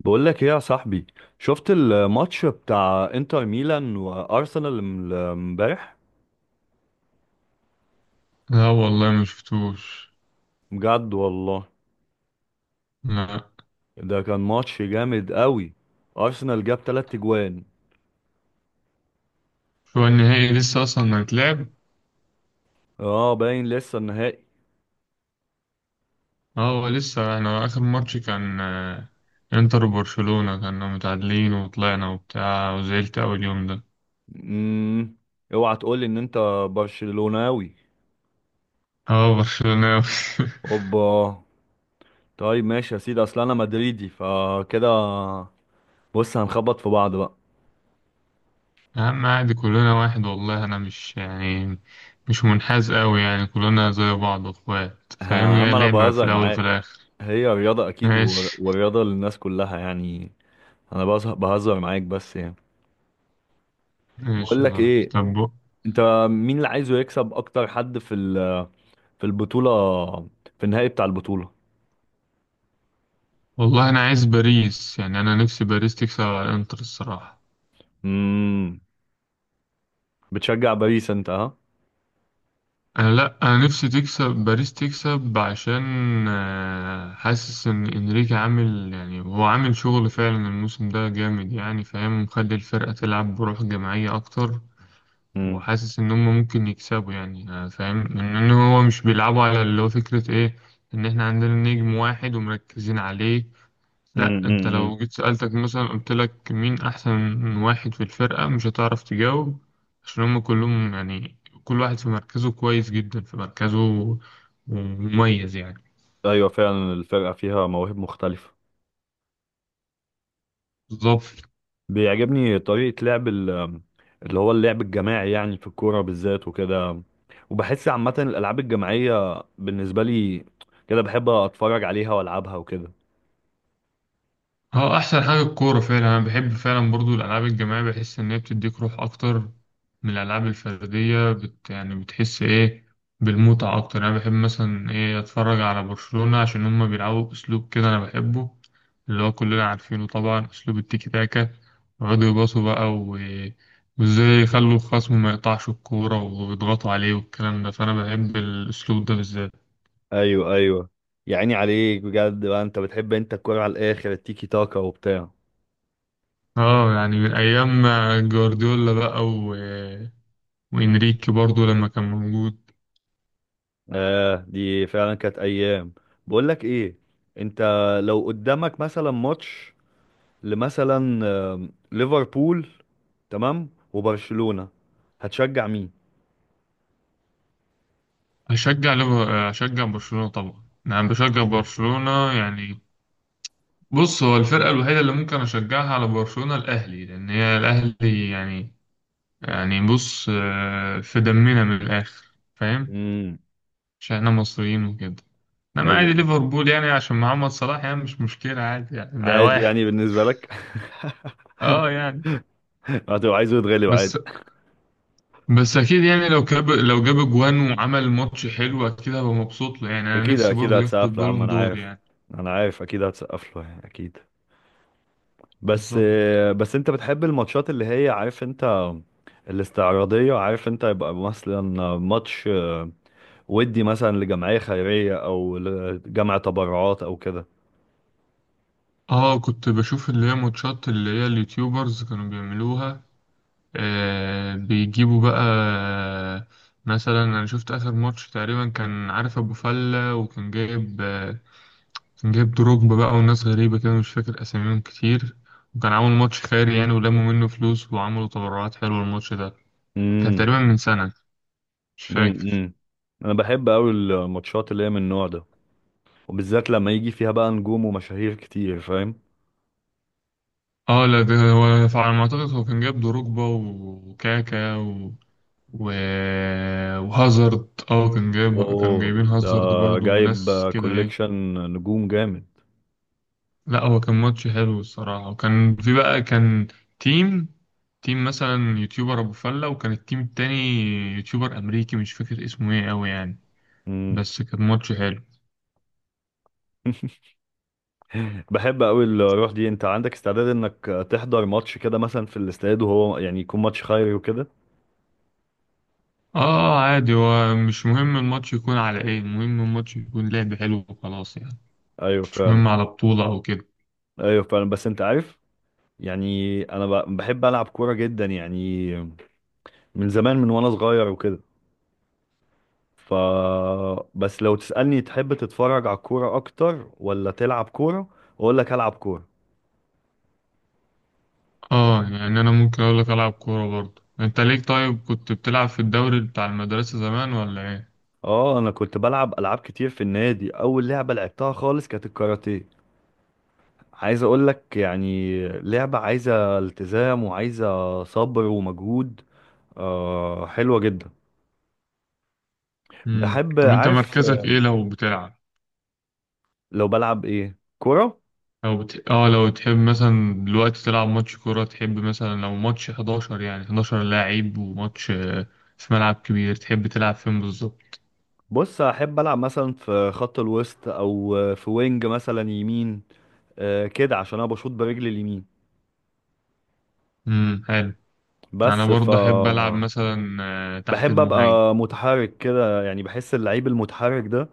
بقول لك ايه يا صاحبي. شفت الماتش بتاع انتر ميلان وارسنال امبارح؟ لا، والله ما شفتوش. بجد والله. لا، ده كان ماتش جامد قوي. ارسنال جاب 3 جوان. هو النهائي لسه اصلا هيتلعب. اه باين لسه النهائي. اه، هو لسه احنا اخر ماتش كان انتر وبرشلونة كنا متعادلين وطلعنا وبتاع وزعلت اول يوم ده. امم اوعى تقول لي ان انت برشلوناوي؟ اه، برشلونة. اوبا. طيب ماشي يا سيدي، اصل انا مدريدي فكده. بص هنخبط في بعض بقى. يا عم عادي كلنا واحد والله انا مش يعني مش منحاز قوي يعني كلنا زي بعض اخوات فاهم، يا عم هي انا لعبة في بهزر الاول وفي معاك. الاخر. هي رياضة اكيد ماشي. والرياضة للناس كلها يعني. انا بهزر معاك بس يعني. ماشي بقول يا لك صاحبي ايه، طب. انت، مين اللي عايزه يكسب اكتر حد في البطولة، في النهائي بتاع البطولة؟ والله انا عايز باريس، يعني انا نفسي باريس تكسب على الانتر الصراحة. امم بتشجع باريس انت، ها؟ لا انا نفسي تكسب باريس تكسب عشان حاسس ان انريكي عامل، يعني هو عامل شغل فعلا الموسم ده جامد، يعني فاهم، مخلي الفرقة تلعب بروح جماعية اكتر. امم وحاسس ان هم ممكن يكسبوا يعني فاهم ان هو مش بيلعبوا على اللي هو فكرة ايه، ان احنا عندنا نجم واحد ومركزين عليه. لا، امم انت امم لو جيت سألتك مثلا قلت لك مين احسن واحد في الفرقة مش هتعرف تجاوب، عشان هم كلهم يعني كل واحد في مركزه كويس جدا في مركزه، ومميز يعني. ايوه فعلا، الفرقة فيها مواهب مختلفة. بالظبط. بيعجبني طريقة لعب اللي هو اللعب الجماعي يعني، في الكورة بالذات وكده. وبحس عامة الالعاب الجماعية بالنسبة لي كده بحب اتفرج عليها والعبها وكده. هو احسن حاجه الكوره فعلا، انا بحب فعلا برضو الالعاب الجماعيه، بحس ان هي بتديك روح اكتر من الالعاب الفرديه، بت يعني بتحس ايه بالمتعه اكتر يعني. انا بحب مثلا ايه اتفرج على برشلونه عشان هما بيلعبوا اسلوب كده انا بحبه، اللي هو كلنا عارفينه طبعا اسلوب التيكي تاكا، ويقعدوا يباصوا بقى وازاي يخلوا الخصم ما يقطعش الكوره ويضغطوا عليه والكلام ده، فانا بحب الاسلوب ده بالذات. ايوه ايوه. يا عيني عليك بجد بقى، انت بتحب انت الكورة على الاخر، التيكي تاكا وبتاع. اه يعني من ايام جوارديولا بقى، وإنريكي برضو لما كان موجود. آه دي فعلا كانت ايام. بقول لك ايه، انت لو قدامك مثلا ماتش، لمثلا، ليفربول تمام وبرشلونة، هتشجع مين؟ هشجع برشلونة طبعا، أنا بشجع برشلونة يعني. بص، هو الفرقة الوحيدة اللي ممكن أشجعها على برشلونة الأهلي، لأن هي الأهلي يعني. يعني بص في دمنا من الآخر فاهم، امم. عشان إحنا مصريين وكده. إنما عادي ايوه ليفربول يعني عشان محمد صلاح، يعني مش مشكلة عادي، يعني ده عادي واحد. يعني بالنسبة لك. أه يعني. هتبقى عايزه يتغلب عادي. بس بس اكيد يعني لو جاب جوان وعمل ماتش حلو، اكيد هبقى مبسوط له يعني، انا اكيد نفسي اكيد برضه ياخد هتسقف له يا عم، البالون انا دور عارف. يعني. انا عارف اكيد هتسقف له يعني اكيد. بس بالظبط. بس انت بتحب الماتشات اللي هي عارف انت، الاستعراضية، عارف انت؟ يبقى مثلا ماتش ودي مثلا لجمعية خيرية او لجمع تبرعات او كده. اه كنت بشوف اللي هي ماتشات اللي هي اليوتيوبرز كانوا بيعملوها، آه بيجيبوا بقى مثلا انا شفت اخر ماتش تقريبا كان عارف ابو فلة، وكان جايب كان جايب دروجبا بقى وناس غريبة كده مش فاكر اساميهم كتير، وكان عامل ماتش خيري يعني، ولموا منه فلوس وعملوا تبرعات حلوة الماتش ده. كان امم تقريبا من سنة، مش فاكر. امم. انا بحب قوي الماتشات اللي هي من النوع ده، وبالذات لما يجي فيها بقى نجوم ومشاهير كتير، فاهم؟ اه لا، ده هو فعلى ما اعتقد هو كان جايب دروجبا وكاكا و... وهازارد، اه كان جايب كانوا اوه جايبين ده هازارد برضو جايب ناس كده ايه. كوليكشن نجوم جامد. لا، هو كان ماتش حلو الصراحة، وكان في بقى كان تيم تيم مثلا يوتيوبر ابو فلة، وكان التيم التاني يوتيوبر امريكي مش فاكر اسمه ايه اوي يعني. امم. بس كان ماتش حلو. بحب قوي الروح دي. انت عندك استعداد انك تحضر ماتش كده مثلا في الاستاد وهو يعني يكون ماتش خيري وكده؟ اه عادي، هو مش مهم الماتش يكون على ايه، المهم الماتش يكون لعب حلو وخلاص يعني، ايوه مش فعلا. مهم على بطولة او كده. ايوه فعلا، بس انت عارف يعني انا بحب العب كوره جدا يعني، من زمان من وانا صغير وكده. ف، بس لو تسألني تحب تتفرج على الكورة اكتر ولا تلعب كورة، اقول لك العب كورة. اه يعني انا ممكن اقول لك العب كوره برضه، انت ليك طيب كنت بتلعب في الدوري بتاع المدرسه زمان ولا ايه؟ اه انا كنت بلعب العاب كتير في النادي. اول لعبة لعبتها خالص كانت الكاراتيه. عايز اقول لك يعني لعبة عايزة التزام وعايزة صبر ومجهود. آه حلوة جدا. امم، بحب طب انت عارف، مركزك ايه لو بتلعب؟ لو بلعب ايه كورة. لو بت... اه لو تحب مثلا دلوقتي تلعب ماتش كوره، تحب مثلا لو ماتش 11 يعني 11 لاعب وماتش في ملعب كبير، تحب تلعب فين بالظبط؟ بص احب العب مثلا في خط الوسط او في وينج مثلا يمين، كده عشان انا بشوط برجلي اليمين. حلو. انا بس ف، برضه احب العب مثلا تحت بحب المهاجم. ابقى متحرك كده يعني. بحس اللعيب المتحرك ده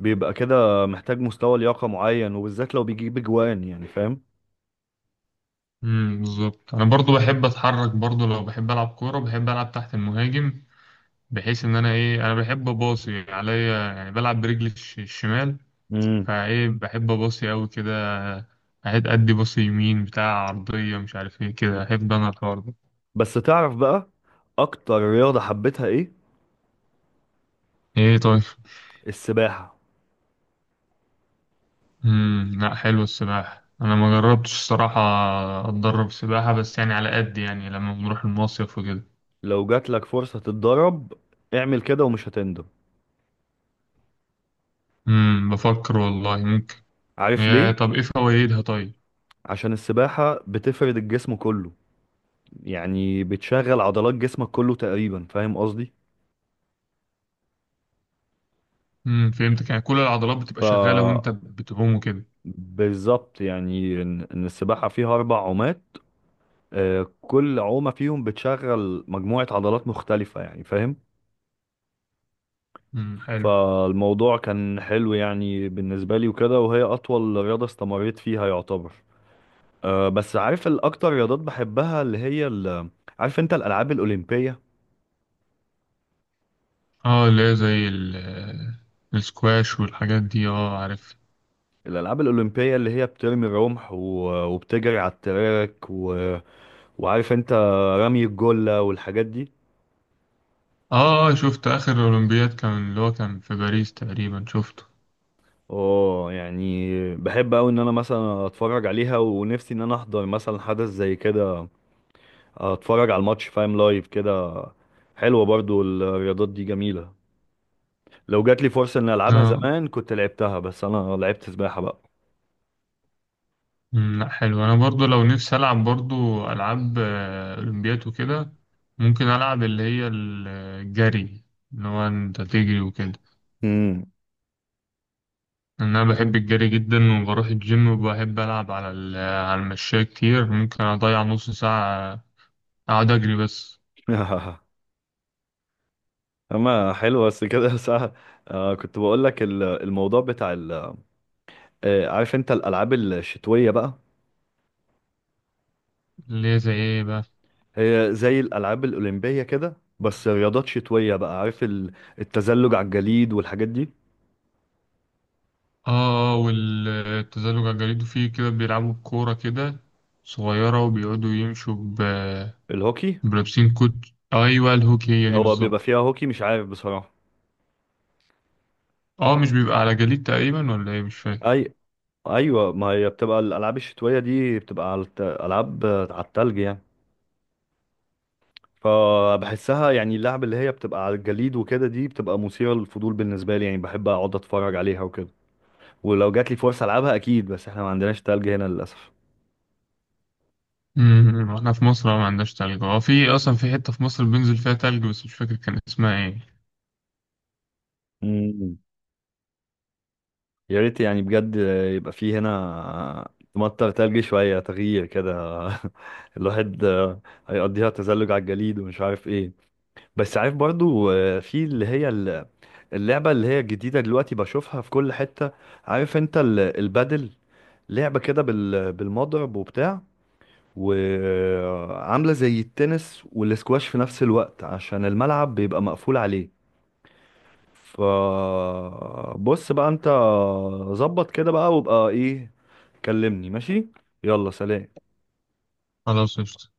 بيبقى كده محتاج مستوى لياقة معين، وبالذات لو بيجيب اجوان يعني، فاهم؟ بالظبط، انا برضه بحب اتحرك برضه، لو بحب العب كوره بحب العب تحت المهاجم، بحيث ان انا ايه انا بحب اباصي عليا يعني، بلعب برجلي الشمال. امم. فايه بحب اباصي قوي كده، اهد ادي باصي يمين بتاع عرضية مش عارف ايه كده، احب انا الحوار ده. بس تعرف بقى اكتر رياضة حبيتها ايه؟ ايه طيب؟ السباحة. امم، لا حلو السباحة، انا ما جربتش الصراحة، اتدرب سباحة بس يعني على قد يعني، لما بنروح المصيف وكده. لو جات لك فرصة تتدرب اعمل كده ومش هتندم. امم، بفكر والله ممكن. عارف يا ليه؟ طب ايه فوائدها طيب؟ عشان السباحة بتفرد الجسم كله، يعني بتشغل عضلات جسمك كله تقريبا، فاهم قصدي؟ فهمتك، يعني كل العضلات بتبقى ف، شغالة وانت بتعوم وكده. بالظبط، يعني إن السباحة فيها اربع عومات، كل عومة فيهم بتشغل مجموعة عضلات مختلفة يعني، فاهم؟ حلو. فالموضوع كان حلو يعني بالنسبة لي وكده، وهي اطول رياضة استمريت فيها يعتبر. بس عارف الاكتر رياضات بحبها اللي هي عارف انت الالعاب الاولمبية؟ اه اللي هي زي السكواش والحاجات دي، اه عارف. الالعاب الاولمبية اللي هي بترمي الرمح وبتجري على التراك و... وعارف انت رمي الجلة والحاجات دي. اه شفت اخر اولمبياد كان اللي هو كان في باريس تقريبا، شفته. اه يعني بحب اوي ان انا مثلا اتفرج عليها، ونفسي ان انا احضر مثلا حدث زي كده، اتفرج على الماتش فاهم لايف كده. حلوة برضو الرياضات دي، جميلة. لو جات لي فرصة اني العبها اه. زمان كنت لعبتها، بس انا لعبت سباحة بقى. لا حلو، انا برضو لو نفسي العب برضو العاب اولمبياد وكده، ممكن العب اللي هي الجري، اللي هو انت تجري وكده، امم. لأن انا بحب الجري جدا وبروح الجيم، وبحب العب على على المشاية كتير، ممكن اضيع نص ساعة اقعد اجري بس. اما حلو بس كده ساعة. آه كنت بقول لك الموضوع بتاع ال، آه عارف انت الالعاب الشتوية بقى؟ اللي هي زي ايه بقى؟ هي زي الالعاب الاولمبية كده بس رياضات شتوية بقى، عارف التزلج على الجليد والحاجات دي. اه والتزلج على الجليد، وفيه كده بيلعبوا بكورة كده صغيرة وبيقعدوا يمشوا الهوكي. بلابسين كوت. ايوه الهوكي، هي دي هو بيبقى بالظبط. فيها هوكي مش عارف بصراحة. اه مش بيبقى على جليد تقريبا ولا ايه، مش فاكر. اي، ايوه ما هي بتبقى الالعاب الشتوية دي بتبقى على العاب على التلج يعني. فبحسها يعني اللعب اللي هي بتبقى على الجليد وكده دي بتبقى مثيرة للفضول بالنسبة لي يعني، بحب اقعد اتفرج عليها وكده. ولو جات لي فرصة العبها اكيد، بس احنا ما عندناش تلج هنا للاسف. امم، احنا في مصر ما عندناش تلج، اه في اصلا في حتة في مصر بينزل فيها تلج بس مش فاكر كان اسمها ايه. امم. يا ريت يعني بجد يبقى فيه هنا تمطر تلج، شوية تغيير كده. الواحد هيقضيها تزلج على الجليد ومش عارف ايه. بس عارف برضو في اللي هي اللعبة اللي هي الجديدة دلوقتي بشوفها في كل حتة، عارف انت البادل؟ لعبة كده بالمضرب وبتاع، وعاملة زي التنس والاسكواش في نفس الوقت عشان الملعب بيبقى مقفول عليه. فبص بقى انت، ظبط كده بقى وابقى ايه، كلمني ماشي؟ يلا سلام. خلاص قشطة.